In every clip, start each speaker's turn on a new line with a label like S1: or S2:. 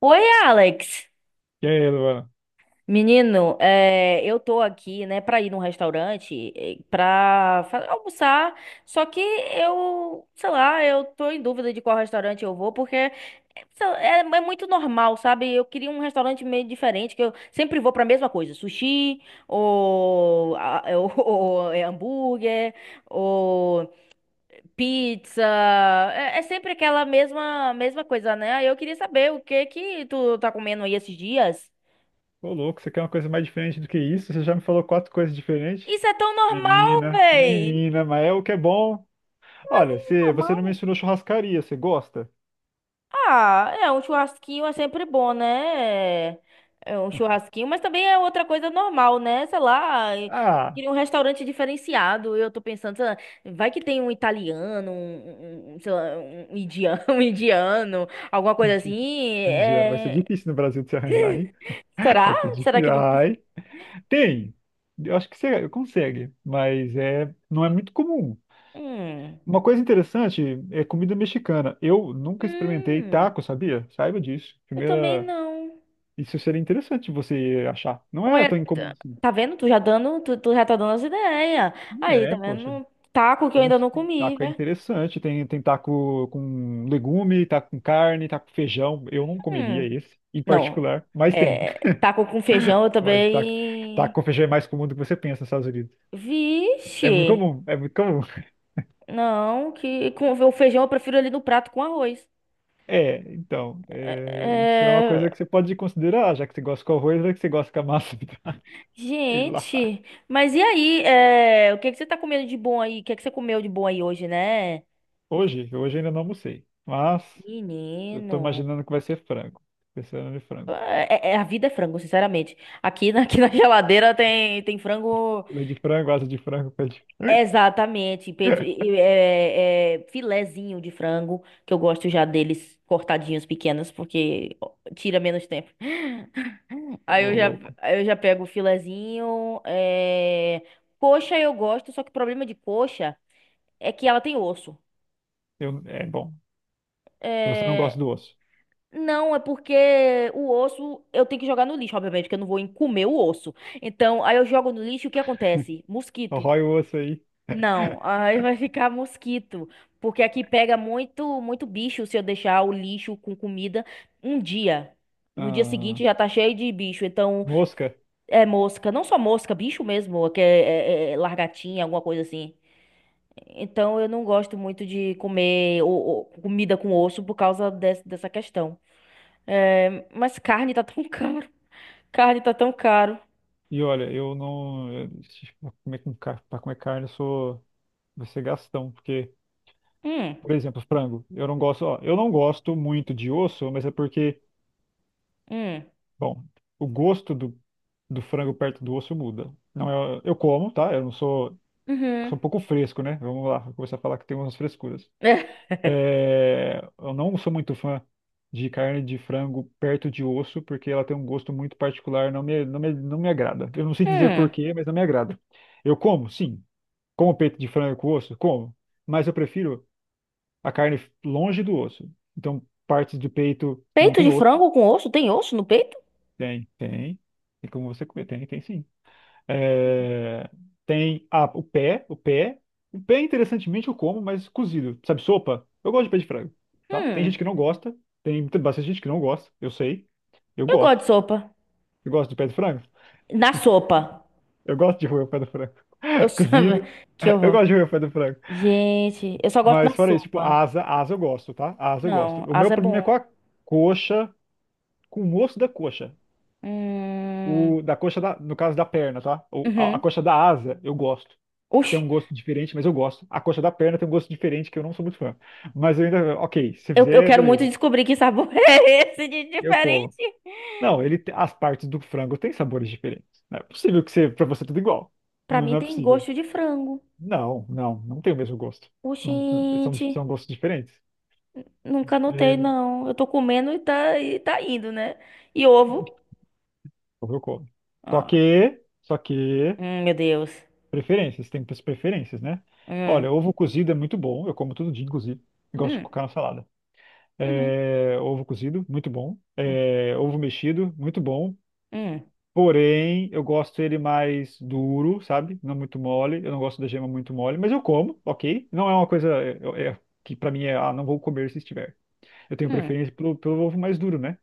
S1: Oi, Alex.
S2: E aí, Luana?
S1: Menino, eu tô aqui, né, pra ir num restaurante, pra almoçar, só que eu, sei lá, eu tô em dúvida de qual restaurante eu vou, porque sei lá, é muito normal, sabe? Eu queria um restaurante meio diferente, que eu sempre vou pra mesma coisa, sushi, ou, a- é, ou- ou é hambúrguer, ou pizza, é sempre aquela mesma coisa, né? Aí eu queria saber o que que tu tá comendo aí esses dias.
S2: Ô, louco, você quer uma coisa mais diferente do que isso? Você já me falou quatro coisas diferentes?
S1: Isso é tão normal,
S2: Menina,
S1: véi.
S2: menina, mas é o que é bom. Olha, você não
S1: Normal.
S2: mencionou churrascaria, você gosta?
S1: Ah, é um churrasquinho é sempre bom, né? É um churrasquinho, mas também é outra coisa normal, né? Sei lá, eu
S2: Ah,
S1: queria um restaurante diferenciado. Eu tô pensando, sei lá, vai que tem um italiano, sei lá, um indiano, um indiano, alguma coisa
S2: mentira.
S1: assim.
S2: Mendiano, vai ser difícil no Brasil de se arranjar, hein?
S1: Será?
S2: Vai ser
S1: Será que
S2: difícil.
S1: não?
S2: Ai, tem. Eu acho que você consegue, mas não é muito comum.
S1: Hum.
S2: Uma coisa interessante é comida mexicana. Eu nunca experimentei
S1: Hum.
S2: taco, sabia? Saiba disso.
S1: Eu também
S2: Primeira,
S1: não.
S2: isso seria interessante você achar. Não é
S1: Olha,
S2: tão incomum
S1: tá
S2: assim.
S1: tá vendo? Tu já dando, tu já tá dando as ideias. Aí,
S2: É,
S1: tá vendo?
S2: poxa.
S1: Um taco que eu
S2: Tem
S1: ainda
S2: uns...
S1: não comi,
S2: Taco é
S1: né?
S2: interessante. Tem taco com legume, taco com carne, taco com feijão. Eu não comeria
S1: Hum,
S2: esse, em
S1: não.
S2: particular, mas tem.
S1: É, taco com feijão eu
S2: Mas taco
S1: também.
S2: com feijão é mais comum do que você pensa nos Estados Unidos. É
S1: Vixe!
S2: muito comum, é muito comum.
S1: Não, que com o feijão eu prefiro ali no prato com arroz.
S2: É, então, isso é uma
S1: É,
S2: coisa que você pode considerar, já que você gosta com arroz, já que você gosta com a massa. Sei lá.
S1: Gente, mas e aí? O que que você tá comendo de bom aí? O que que você comeu de bom aí hoje, né?
S2: Hoje, hoje ainda não almocei, mas eu tô
S1: Menino.
S2: imaginando que vai ser frango. Pensando em frango.
S1: É, a vida é frango, sinceramente. Aqui na, aqui na geladeira tem frango.
S2: Meio de frango, asa de frango, pé de frango.
S1: Exatamente, peito, filezinho de frango, que eu gosto já deles cortadinhos pequenos, porque tira menos tempo. Aí
S2: Ô,
S1: eu já,
S2: louco.
S1: aí eu já pego o filezinho, coxa eu gosto, só que o problema de coxa é que ela tem osso.
S2: Eu, é bom. Você não gosta
S1: É,
S2: do osso.
S1: não, é porque o osso eu tenho que jogar no lixo, obviamente, porque eu não vou comer o osso. Então, aí eu jogo no lixo, e o que acontece? Mosquito.
S2: Arrói o osso aí.
S1: Não, aí vai ficar mosquito, porque aqui pega muito bicho se eu deixar o lixo com comida um dia. No dia
S2: Ah,
S1: seguinte já tá cheio de bicho, então
S2: mosca.
S1: é mosca, não só mosca, bicho mesmo, que é largatinha, alguma coisa assim. Então eu não gosto muito de comer comida com osso por causa dessa questão. É, mas carne tá tão caro, carne tá tão caro.
S2: E olha, eu não. eu- pra comer, pra comer carne, eu sou. Vai ser gastão. Porque,
S1: Hum,
S2: por exemplo, frango. Eu não gosto. Ó, eu não gosto muito de osso, mas é porque,
S1: hum,
S2: bom, o gosto do, do frango perto do osso muda. Não, eu como, tá? Eu não sou.
S1: uhum.
S2: Sou um pouco fresco, né? Vamos lá, vou começar a falar que tem umas frescuras. É, eu não sou muito fã de carne de frango perto de osso, porque ela tem um gosto muito particular, não me agrada. Eu não sei dizer
S1: hum.
S2: porquê, mas não me agrada. Eu como, sim. Como peito de frango com osso? Como. Mas eu prefiro a carne longe do osso. Então, partes do peito que não
S1: Peito
S2: tem
S1: de
S2: osso,
S1: frango com osso? Tem osso no peito?
S2: tem. Tem como você comer, tem sim. É, tem o pé. O pé, interessantemente, eu como, mas cozido. Sabe, sopa? Eu gosto de pé de frango, tá? Tem
S1: Hum,
S2: gente que não gosta, tem bastante gente que não gosta, eu sei. Eu
S1: eu gosto de
S2: gosto.
S1: sopa.
S2: Eu gosto de pé de frango.
S1: Na sopa.
S2: Eu gosto de roer o pé do frango.
S1: Eu só...
S2: Cozido.
S1: Que
S2: Eu
S1: horror.
S2: gosto de roer o pé do frango.
S1: Gente, eu só gosto
S2: Mas
S1: na
S2: fora isso, tipo,
S1: sopa.
S2: asa eu gosto, tá? Asa eu gosto.
S1: Não,
S2: O meu
S1: asa é
S2: problema é
S1: bom.
S2: com a coxa, com o osso da coxa.
S1: Hum...
S2: O, da, no caso da perna, tá? A
S1: Uhum.
S2: coxa da asa eu gosto.
S1: Ux,
S2: Tem um gosto diferente, mas eu gosto. A coxa da perna tem um gosto diferente que eu não sou muito fã. Mas eu ainda, ok, se
S1: eu
S2: fizer,
S1: quero muito
S2: beleza.
S1: descobrir que sabor é esse de
S2: Eu como.
S1: diferente.
S2: Não, as partes do frango têm sabores diferentes. Não é possível que você, para você tudo igual.
S1: Pra
S2: Não,
S1: mim
S2: não é
S1: tem
S2: possível.
S1: gosto de frango.
S2: Não tem o mesmo gosto. Não- são,
S1: Oxente,
S2: são gostos diferentes.
S1: nunca notei,
S2: É,
S1: não. Eu tô comendo e tá indo, né? E ovo?
S2: eu como. Só
S1: Ah,
S2: que, só que
S1: meu Deus.
S2: preferências, preferências, né?
S1: Hum,
S2: Olha, ovo cozido é muito bom, eu como todo dia, inclusive. Gosto de
S1: hum,
S2: colocar na salada.
S1: uhum,
S2: É, ovo cozido, muito bom.
S1: hum,
S2: É, ovo mexido, muito bom.
S1: hum,
S2: Porém, eu gosto ele mais duro, sabe? Não muito mole. Eu não gosto da gema muito mole, mas eu como, ok? Não é uma coisa é, é- é, que pra mim é, ah, não vou comer se estiver. Eu tenho
S1: hum.
S2: preferência pelo ovo mais duro, né?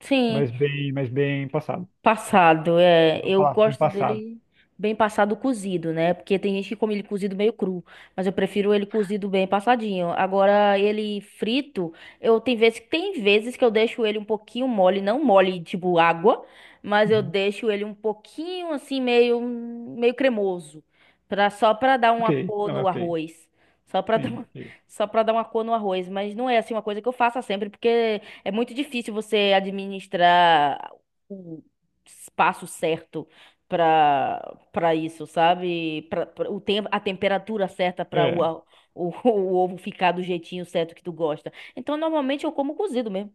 S1: Sim.
S2: Mas bem passado.
S1: Passado,
S2: É,
S1: é.
S2: vamos
S1: Eu
S2: falar, bem
S1: gosto
S2: passado.
S1: dele bem passado cozido, né? Porque tem gente que come ele cozido meio cru, mas eu prefiro ele cozido bem passadinho. Agora, ele frito, eu tem vezes que eu deixo ele um pouquinho mole, não mole tipo água, mas eu
S2: Uhum.
S1: deixo ele um pouquinho assim meio cremoso, para só para dar
S2: Ok,
S1: uma cor
S2: não, é
S1: no
S2: ok.
S1: arroz. Só para dar
S2: Sim,
S1: uma,
S2: ok.
S1: só para dar uma cor no arroz, mas não é assim uma coisa que eu faça sempre, porque é muito difícil você administrar espaço certo para isso, sabe? O tempo, a temperatura certa para
S2: É.
S1: o ovo ficar do jeitinho certo que tu gosta. Então, normalmente eu como cozido mesmo.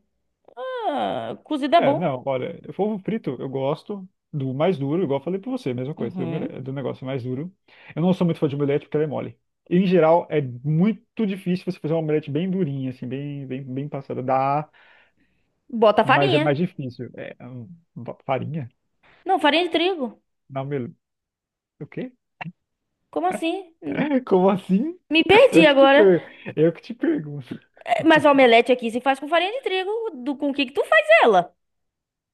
S1: Ah, cozido é
S2: É,
S1: bom.
S2: não, olha, polvo frito eu gosto do mais duro, igual eu falei pra você, mesma coisa,
S1: Uhum.
S2: do negócio mais duro. Eu não sou muito fã de omelete porque ela é mole. Em geral, é muito difícil você fazer uma omelete bem durinha, assim, bem passada. Dá,
S1: Bota
S2: mas é
S1: farinha.
S2: mais difícil. Farinha?
S1: Não, farinha de trigo.
S2: Na omelete. O quê?
S1: Como assim?
S2: Como assim?
S1: Me perdi
S2: Eu que te,
S1: agora.
S2: per... eu que te pergunto.
S1: Mas a omelete aqui se faz com farinha de trigo. Do, com o que que tu faz ela?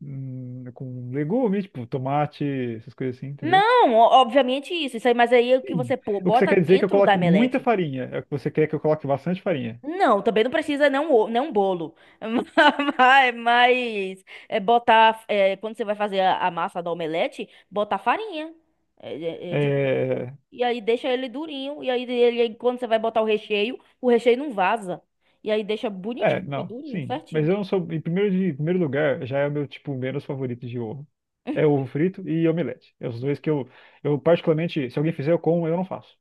S2: Com legumes, tipo tomate, essas coisas assim, entendeu?
S1: Não, obviamente isso. Isso aí, mas aí é o que você
S2: Sim.
S1: pô,
S2: O que você
S1: bota
S2: quer dizer é que eu
S1: dentro da
S2: coloque muita
S1: omelete.
S2: farinha. É o que você quer que eu coloque bastante farinha.
S1: Não, também não precisa não não bolo, mas é botar é, quando você vai fazer a massa do omelete, botar farinha é, de trigo
S2: É,
S1: e aí deixa ele durinho e aí ele quando você vai botar o recheio não vaza e aí deixa bonitinho, fica
S2: não,
S1: durinho,
S2: sim. Mas
S1: certinho.
S2: eu não sou. Em primeiro, em primeiro lugar, já é o meu tipo menos favorito de ovo. É ovo frito e omelete. É os dois que eu particularmente, se alguém fizer, eu como, eu não faço.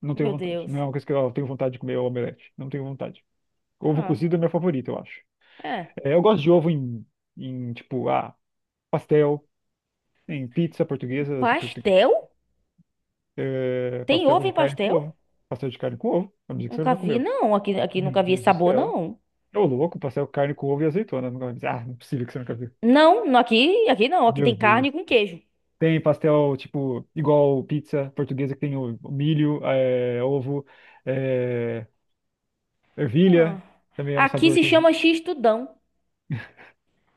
S2: Não tenho
S1: Meu
S2: vontade.
S1: Deus.
S2: Não é uma coisa que eu tenho vontade de comer é omelete. Não tenho vontade. Ovo
S1: Ah,
S2: cozido é meu favorito, eu acho.
S1: é.
S2: É, eu gosto de ovo em, em tipo, ah, pastel, em pizza portuguesa, se portu-
S1: Pastel?
S2: é,
S1: Tem
S2: pastel
S1: ovo
S2: de
S1: em
S2: carne com
S1: pastel?
S2: ovo. Pastel de carne com ovo. A dizer que você
S1: Nunca
S2: nunca
S1: vi,
S2: comeu.
S1: não. Aqui, aqui
S2: Meu
S1: nunca vi esse
S2: Deus do
S1: sabor,
S2: céu.
S1: não.
S2: Ô, louco, pastel carne com ovo e azeitona. Nunca mais. Ah, não é possível que você nunca viu.
S1: Não, aqui, aqui não. Aqui
S2: Meu
S1: tem
S2: Deus.
S1: carne com queijo.
S2: Tem pastel, tipo, igual pizza portuguesa, que tem o milho, é, ovo, é,
S1: Ah,
S2: ervilha. Também é um
S1: aqui
S2: sabor
S1: se
S2: que
S1: chama X-tudão.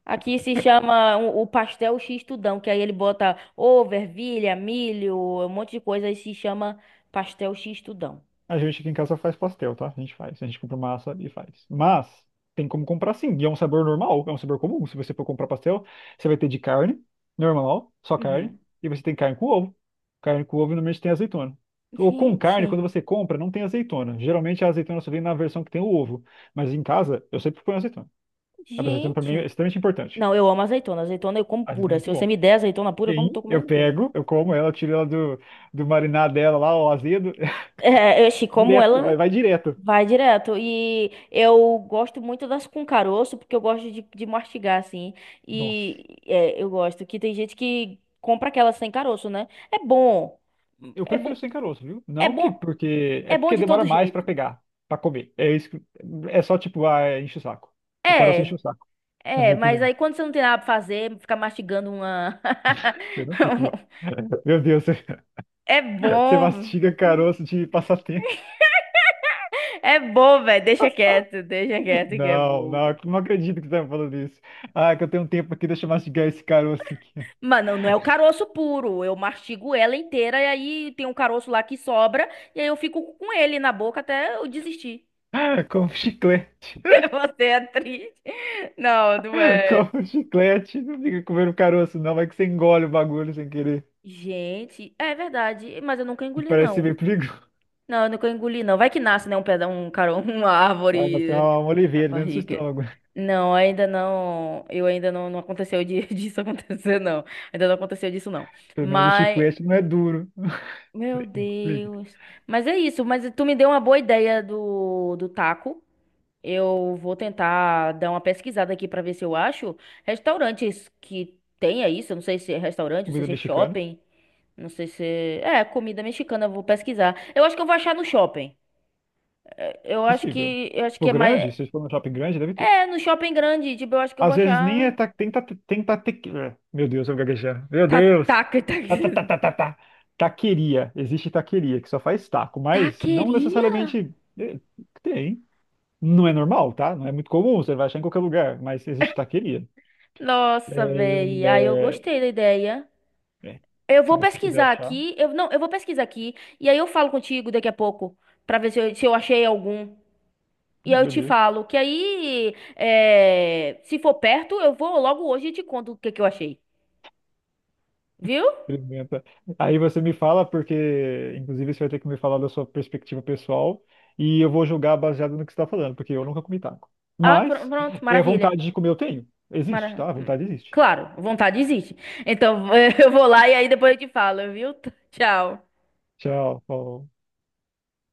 S1: Aqui se chama o pastel X-tudão, que aí ele bota ovo, ervilha, milho, um monte de coisa e se chama pastel X-tudão.
S2: a gente aqui em casa faz pastel, tá? A gente faz. A gente compra massa e faz. Mas tem como comprar sim. E é um sabor normal, é um sabor comum. Se você for comprar pastel, você vai ter de carne, normal, só carne.
S1: Uhum.
S2: E você tem carne com ovo. Carne com ovo normalmente tem azeitona. Ou com carne, quando
S1: Gente,
S2: você compra, não tem azeitona. Geralmente a azeitona só vem na versão que tem o ovo. Mas em casa, eu sempre ponho azeitona. A azeitona pra mim é
S1: gente.
S2: extremamente importante.
S1: Não, eu amo azeitona. Azeitona eu como
S2: A azeitona é
S1: pura. Se
S2: muito
S1: você
S2: bom.
S1: me der azeitona pura, eu como
S2: Sim,
S1: tô comendo
S2: eu
S1: ela pura.
S2: pego, eu como ela, eu tiro ela do, do marinar dela lá, o azedo,
S1: É, eu como
S2: direto, vai,
S1: ela
S2: vai direto.
S1: vai direto. E eu gosto muito das com caroço, porque eu gosto de mastigar, assim.
S2: Nossa.
S1: E é, eu gosto que tem gente que compra aquelas sem caroço, né? É bom.
S2: Eu
S1: É,
S2: prefiro
S1: bo
S2: sem caroço, viu?
S1: é
S2: Não que
S1: bom.
S2: porque
S1: É
S2: é
S1: bom
S2: porque
S1: de todo
S2: demora mais pra
S1: jeito.
S2: pegar, pra comer. É só tipo, ah, é enche o saco. O caroço enche o
S1: É,
S2: saco, na minha
S1: mas
S2: opinião.
S1: aí quando você não tem nada pra fazer, ficar mastigando uma.
S2: Eu não fico. Mal. Meu Deus, você,
S1: É
S2: você
S1: bom.
S2: mastiga caroço de passatempo.
S1: É bom, velho. Deixa quieto que é bom.
S2: Não acredito que você tá me falando isso. Ah, é que eu tenho um tempo aqui, deixa eu mastigar esse caroço aqui.
S1: Mano, não é o caroço puro. Eu mastigo ela inteira e aí tem um caroço lá que sobra e aí eu fico com ele na boca até eu desistir.
S2: Ah, como chiclete.
S1: Você é triste. Não, não é.
S2: Como chiclete. Não fica comendo caroço, não. Vai que você engole o bagulho sem querer.
S1: Gente, é verdade, mas eu nunca
S2: E
S1: engoli
S2: parece ser
S1: não.
S2: meio perigoso.
S1: Não, eu nunca engoli não. Vai que nasce, né, uma
S2: Vai nascer
S1: árvore
S2: uma
S1: na
S2: oliveira dentro do seu
S1: barriga.
S2: estômago.
S1: Não, ainda não. Não aconteceu disso acontecer não. Ainda não aconteceu disso não.
S2: Pelo menos o
S1: Mas
S2: chiclete não é duro.
S1: meu
S2: Engolir.
S1: Deus. Mas é isso, mas tu me deu uma boa ideia do taco. Eu vou tentar dar uma pesquisada aqui pra ver se eu acho restaurantes que tenha isso. Eu não sei se é restaurante, não sei
S2: Comida
S1: se é
S2: mexicana?
S1: shopping, não sei se é, é comida mexicana, eu vou pesquisar. Eu acho que eu vou achar no shopping. Eu acho
S2: Possível.
S1: que eu acho
S2: Se
S1: que
S2: for
S1: é
S2: grande,
S1: mais
S2: se for num shopping grande, deve ter.
S1: é no shopping grande, tipo, eu acho que eu vou
S2: Às vezes nem é
S1: achar.
S2: ta, tem ta, tem ta, tequila. Meu Deus, eu vou gaguejar. Meu Deus! Ta, ta,
S1: Taca.
S2: ta, ta, ta, ta. Taqueria. Existe taqueria, que só faz taco, mas não
S1: Taqueria?
S2: necessariamente é, tem. Não é normal, tá? Não é muito comum, você vai achar em qualquer lugar, mas existe taqueria. É,
S1: Nossa, velho. Aí eu
S2: é,
S1: gostei da ideia.
S2: é.
S1: Eu
S2: Se
S1: vou
S2: você puder
S1: pesquisar
S2: achar,
S1: aqui. Eu não, eu vou pesquisar aqui e aí eu falo contigo daqui a pouco pra ver se eu achei algum. E
S2: não,
S1: aí eu te
S2: beleza.
S1: falo que se for perto eu vou logo hoje e te conto o que que eu achei, viu?
S2: Experimenta. Aí você me fala, porque inclusive você vai ter que me falar da sua perspectiva pessoal e eu vou julgar baseado no que você está falando, porque eu nunca comi taco.
S1: Ah,
S2: Mas
S1: pronto,
S2: é
S1: maravilha.
S2: vontade de comer eu tenho. Existe, tá?
S1: Mara...
S2: A vontade existe.
S1: Claro, vontade existe. Então eu vou lá e aí depois eu te falo, viu? Tchau.
S2: Tchau. Falou.